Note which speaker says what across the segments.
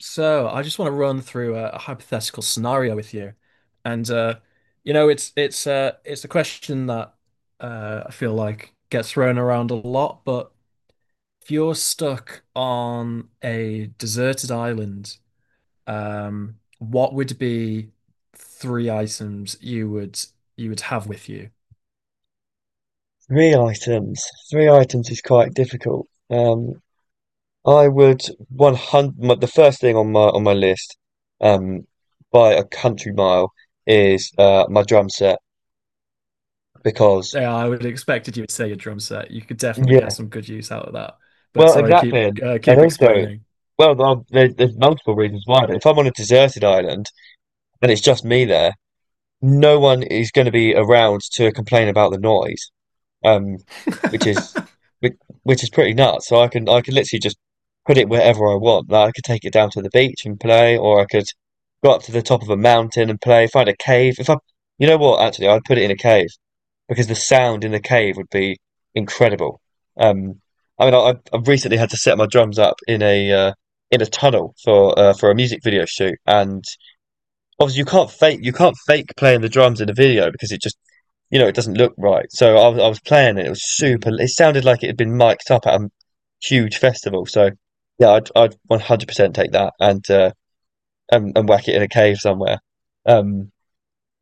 Speaker 1: So I just want to run through a hypothetical scenario with you, and it's a question that I feel like gets thrown around a lot. But if you're stuck on a deserted island, what would be three items you would have with you?
Speaker 2: Three items. Three items is quite difficult. I would 100. The first thing on my list, um, by a country mile, is my drum set because
Speaker 1: Yeah, I would have expected you would say your drum set. You could definitely get
Speaker 2: yeah,
Speaker 1: some good use out of that. But
Speaker 2: well,
Speaker 1: sorry, keep
Speaker 2: exactly, and,
Speaker 1: uh,
Speaker 2: and
Speaker 1: keep
Speaker 2: also,
Speaker 1: explaining.
Speaker 2: well, there's multiple reasons why. But if I'm on a deserted island and it's just me there, no one is going to be around to complain about the noise. um, which is which, which is pretty nuts. So I can literally just put it wherever I want. Like I could take it down to the beach and play, or I could go up to the top of a mountain and play. Find a cave. If I, You know what, actually, I'd put it in a cave because the sound in the cave would be incredible. Um, I mean, I've recently had to set my drums up in a tunnel for a music video shoot, and obviously you can't fake playing the drums in a video because it just you know, it doesn't look right. So I was playing it. It was super.
Speaker 1: Hmm.
Speaker 2: It sounded like it had been mic'd up at a huge festival. So yeah, I'd 100% take that and and whack it in a cave somewhere. Um,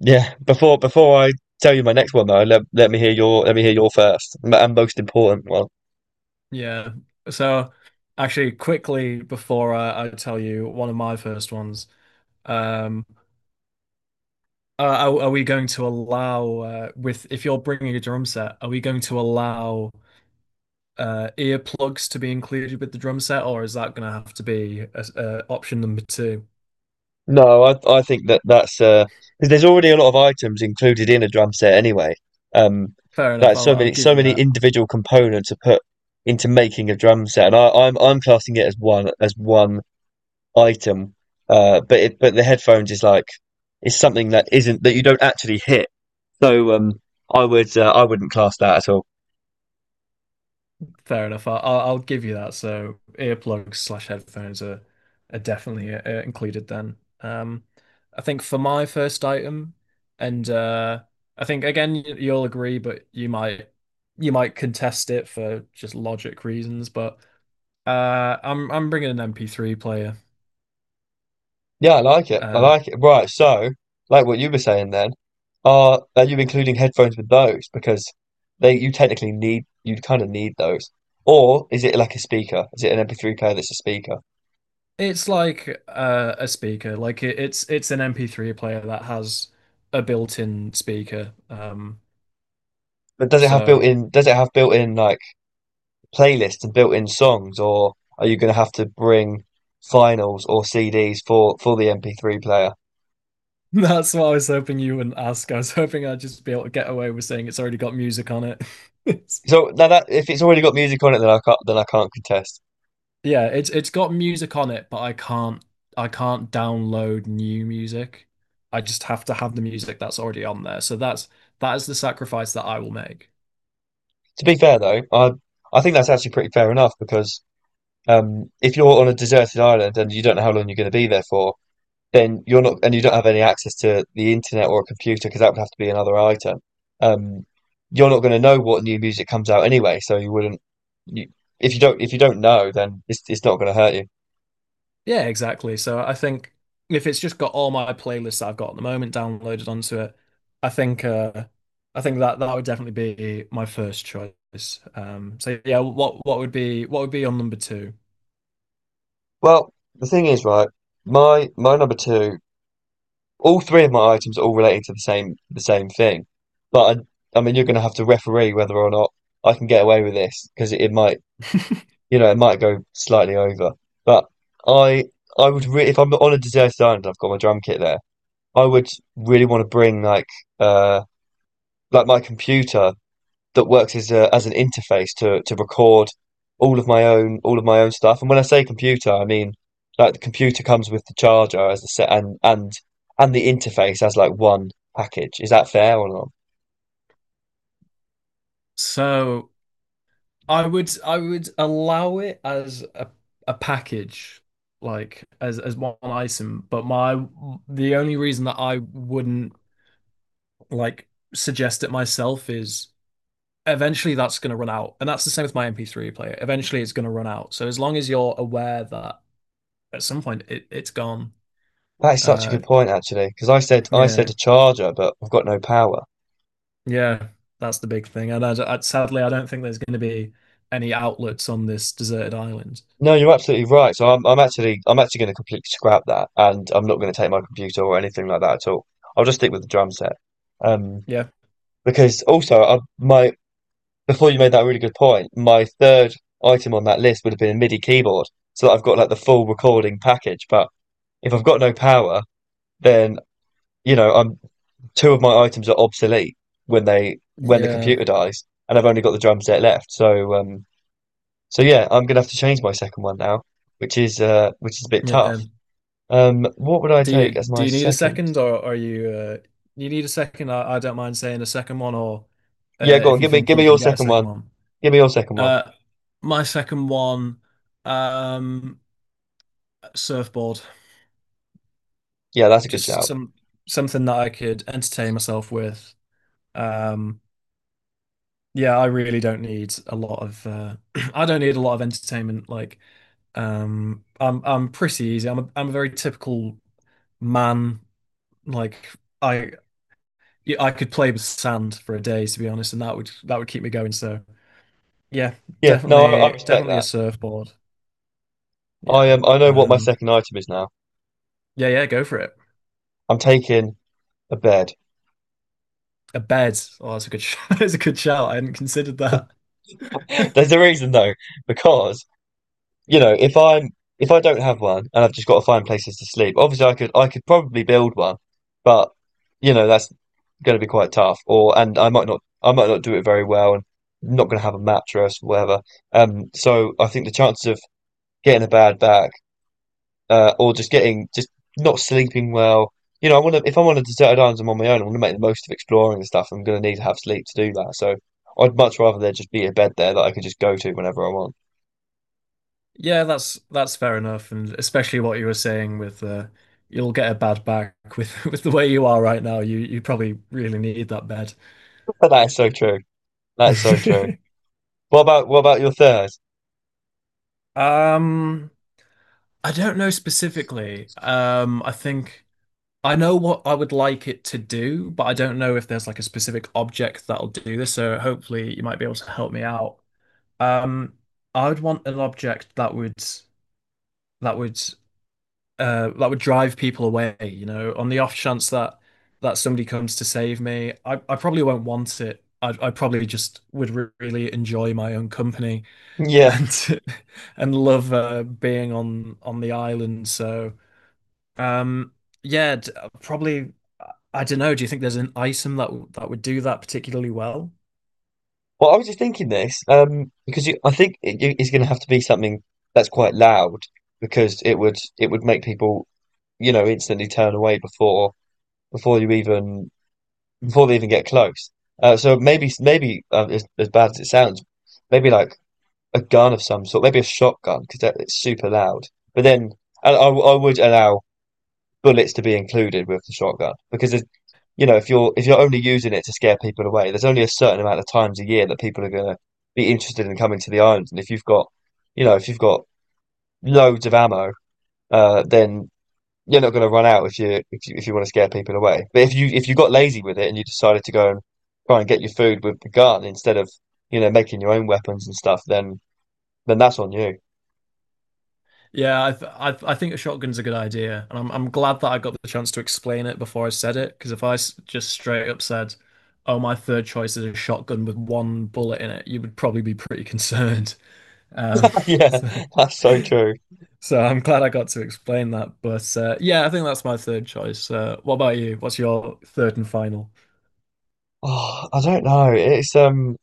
Speaker 2: yeah. Before I tell you my next one though, let me hear your let me hear your first and most important one.
Speaker 1: Yeah. So actually quickly before I tell you one of my first ones, um are we going to allow with if you're bringing a drum set, are we going to allow earplugs to be included with the drum set or is that going to have to be a option number two?
Speaker 2: No, I think that that's 'cause there's already a lot of items included in a drum set anyway. Um,
Speaker 1: Fair enough.
Speaker 2: like
Speaker 1: I'll I'll give
Speaker 2: so
Speaker 1: you
Speaker 2: many
Speaker 1: that.
Speaker 2: individual components are put into making a drum set, and I'm classing it as one item. But but the headphones is like it's something that isn't that you don't actually hit. So I would I wouldn't class that at all.
Speaker 1: Fair enough. I'll give you that. So earplugs slash headphones are definitely included then. I think for my first item, and I think again you'll agree, but you might contest it for just logic reasons. But I'm bringing an MP3 player.
Speaker 2: Yeah, I like it. I
Speaker 1: Uh,
Speaker 2: like it. Right, so like what you were saying then, are you including headphones with those? Because they you technically need you kind of need those. Or is it like a speaker? Is it an MP3 player that's a speaker?
Speaker 1: it's like a speaker. Like it's an MP3 player that has a built-in speaker. Um,
Speaker 2: But does it have built
Speaker 1: so.
Speaker 2: in like playlists and built in songs, or are you gonna have to bring vinyls or CDs for the MP3 player?
Speaker 1: That's what I was hoping you wouldn't ask. I was hoping I'd just be able to get away with saying it's already got music on it. It's,
Speaker 2: So now that if it's already got music on it, then I can't contest.
Speaker 1: yeah, it's got music on it, but I can't download new music. I just have to have the music that's already on there. So that is the sacrifice that I will make.
Speaker 2: To be fair though, I think that's actually pretty fair enough because if you're on a deserted island and you don't know how long you're going to be there for, then you're not, and you don't have any access to the internet or a computer because that would have to be another item. Um, you're not going to know what new music comes out anyway, so you wouldn't. You, if you don't know, then it's not going to hurt you.
Speaker 1: Yeah, exactly. So I think if it's just got all my playlists that I've got at the moment downloaded onto it, I think uh I think that that would definitely be my first choice. So yeah, what would be on number two?
Speaker 2: Well, the thing is, right? My number two, all three of my items are all relating to the same thing, but I mean, you're going to have to referee whether or not I can get away with this because it might you know, it might go slightly over. But I I would really if I'm on a deserted island, I've got my drum kit there. I would really want to bring uh like my computer that works as a as an interface to record all of my own stuff. And when I say computer, I mean like the computer comes with the charger as the set and and the interface as like one package. Is that fair or not?
Speaker 1: So I would allow it as a package, like as one item, but my the only reason that I wouldn't like suggest it myself is eventually that's going to run out. And that's the same with my MP3 player. Eventually it's going to run out. So as long as you're aware that at some point it's gone,
Speaker 2: That is such a
Speaker 1: uh
Speaker 2: good point actually, because I said
Speaker 1: yeah.
Speaker 2: a charger, but I've got no power.
Speaker 1: Yeah, that's the big thing. And I sadly I don't think there's going to be any outlets on this deserted island.
Speaker 2: No, you're absolutely right. So I'm actually going to completely scrap that, and I'm not going to take my computer or anything like that at all. I'll just stick with the drum set. Um,
Speaker 1: Yeah.
Speaker 2: because also my before you made that really good point, my third item on that list would have been a MIDI keyboard, so that I've got like the full recording package. But if I've got no power, then you know I'm two of my items are obsolete when the
Speaker 1: Yeah.
Speaker 2: computer dies, and I've only got the drum set left. So so yeah, I'm gonna have to change my second one now, which is a bit
Speaker 1: Yeah,
Speaker 2: tough. What would I
Speaker 1: do you
Speaker 2: take as
Speaker 1: do
Speaker 2: my
Speaker 1: you need a
Speaker 2: second?
Speaker 1: second, or are you you need a second? I don't mind saying a second one, or
Speaker 2: Yeah, go on.
Speaker 1: if you think
Speaker 2: Give me
Speaker 1: you can
Speaker 2: your
Speaker 1: get a
Speaker 2: second one.
Speaker 1: second one.
Speaker 2: Give me your second one.
Speaker 1: Uh, my second one, um, surfboard.
Speaker 2: Yeah, that's a good
Speaker 1: Just
Speaker 2: shout.
Speaker 1: something that I could entertain myself with. Um, yeah, I really don't need a lot of. I don't need a lot of entertainment. Like, I'm pretty easy. I'm a very typical man. Like, I yeah, I could play with sand for a day, to be honest, and that would keep me going. So yeah,
Speaker 2: Yeah, no, I
Speaker 1: definitely,
Speaker 2: respect
Speaker 1: definitely a
Speaker 2: that.
Speaker 1: surfboard. Yeah,
Speaker 2: I know what my
Speaker 1: um,
Speaker 2: second item is now.
Speaker 1: yeah, yeah, go for it.
Speaker 2: I'm taking a bed.
Speaker 1: A bed. Oh, that's a good, sh- that's a good shout. I hadn't considered that.
Speaker 2: There's a reason though, because you know, if I don't have one and I've just got to find places to sleep, obviously I could probably build one, but you know that's going to be quite tough. Or and I might not do it very well and not going to have a mattress, whatever. So I think the chances of getting a bad back or just getting just not sleeping well. You know, I want to if I'm on a deserted island I'm on my own, I want to make the most of exploring and stuff. I'm going to need to have sleep to do that. So I'd much rather there just be a bed there that I could just go to whenever I want.
Speaker 1: Yeah, that's fair enough, and especially what you were saying with you'll get a bad back with with the way you are right now. You probably really need that bed.
Speaker 2: That is so true. That is so true. What about your third?
Speaker 1: Um, I don't know specifically. I think I know what I would like it to do, but I don't know if there's like a specific object that'll do this. So hopefully you might be able to help me out. Um, I would want an object that would that would that would drive people away, on the off chance that that somebody comes to save me. I probably won't want it. I probably just would re really enjoy my own company
Speaker 2: Yeah.
Speaker 1: and and love being on the island. So um, yeah, probably. I don't know. Do you think there's an item that would do that particularly well?
Speaker 2: Well, I was just thinking this because you, I think it's going to have to be something that's quite loud because it would make people you know instantly turn away before you even before they even get close. So maybe as bad as it sounds, maybe like a gun of some sort, maybe a shotgun because it's super loud. But then I would allow bullets to be included with the shotgun you know if you're only using it to scare people away, there's only a certain amount of times a year that people are going to be interested in coming to the island. And if you've got, you know, if you've got loads of ammo, then you're not going to run out if you if you if you want to scare people away. But if you got lazy with it and you decided to go and try and get your food with the gun instead of you know making your own weapons and stuff, then that's on you.
Speaker 1: Yeah, I think a shotgun's a good idea, and I'm glad that I got the chance to explain it before I said it. Because if just straight up said, "Oh, my third choice is a shotgun with one bullet in it," you would probably be pretty concerned. Um,
Speaker 2: Yeah,
Speaker 1: so,
Speaker 2: that's so true.
Speaker 1: so I'm glad I got to explain that. But yeah, I think that's my third choice. What about you? What's your third and final?
Speaker 2: Oh, I don't know.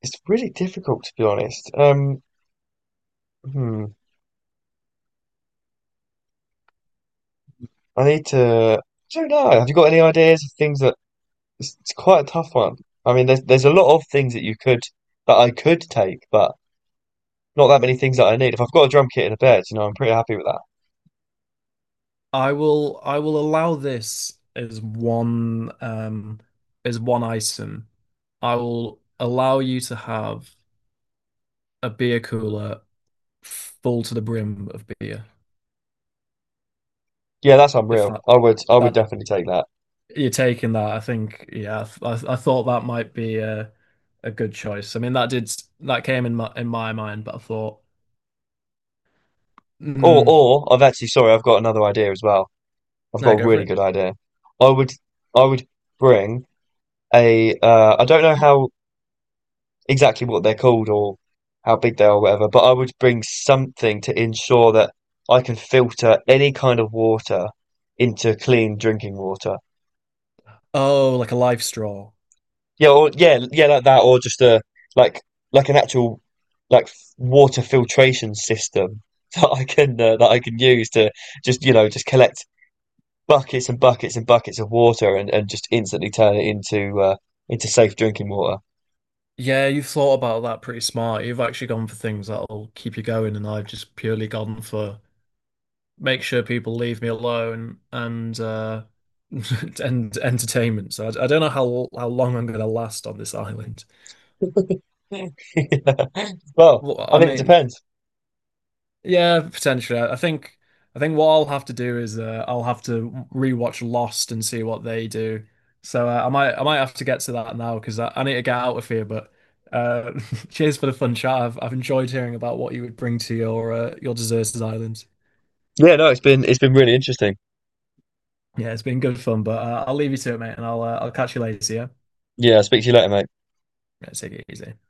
Speaker 2: It's really difficult to be honest. Hmm, I need to. I don't know. Have you got any ideas of things that it's quite a tough one. I mean, there's a lot of things that you could that I could take, but not that many things that I need. If I've got a drum kit and a bed, you know, I'm pretty happy with that.
Speaker 1: I will allow this as one item. I will allow you to have a beer cooler full to the brim of beer.
Speaker 2: Yeah, that's
Speaker 1: If
Speaker 2: unreal.
Speaker 1: that
Speaker 2: I would
Speaker 1: that
Speaker 2: definitely take that.
Speaker 1: you're taking that, I think yeah, I thought that might be a good choice. I mean that came in my mind, but I thought,
Speaker 2: Or
Speaker 1: mm,
Speaker 2: or I've actually sorry, I've got another idea as well. I've got
Speaker 1: no,
Speaker 2: a
Speaker 1: go for
Speaker 2: really
Speaker 1: it.
Speaker 2: good idea. I would I would bring a I don't know how exactly what they're called or how big they are or whatever, but I would bring something to ensure that I can filter any kind of water into clean drinking water.
Speaker 1: Oh, like a life straw.
Speaker 2: Yeah, or yeah, yeah, like that, or just a like like an actual water filtration system that I can use to just you know just collect buckets and buckets and buckets of water and just instantly turn it into safe drinking water.
Speaker 1: Yeah, you've thought about that pretty smart. You've actually gone for things that'll keep you going, and I've just purely gone for make sure people leave me alone and and entertainment. So I don't know how long I'm going to last on this island.
Speaker 2: Yeah. Well,
Speaker 1: Well,
Speaker 2: I
Speaker 1: I
Speaker 2: mean it
Speaker 1: mean,
Speaker 2: depends.
Speaker 1: yeah, potentially. I think what I'll have to do is I'll have to rewatch Lost and see what they do. So I might have to get to that now because I need to get out of here. But uh, cheers for the fun chat. I've enjoyed hearing about what you would bring to your deserted island.
Speaker 2: Yeah, no, it's been really interesting.
Speaker 1: Yeah, it's been good fun. But I'll leave you to it, mate, and I'll catch you later. Yeah.
Speaker 2: Yeah, I'll speak to you later, mate.
Speaker 1: Let's take it easy.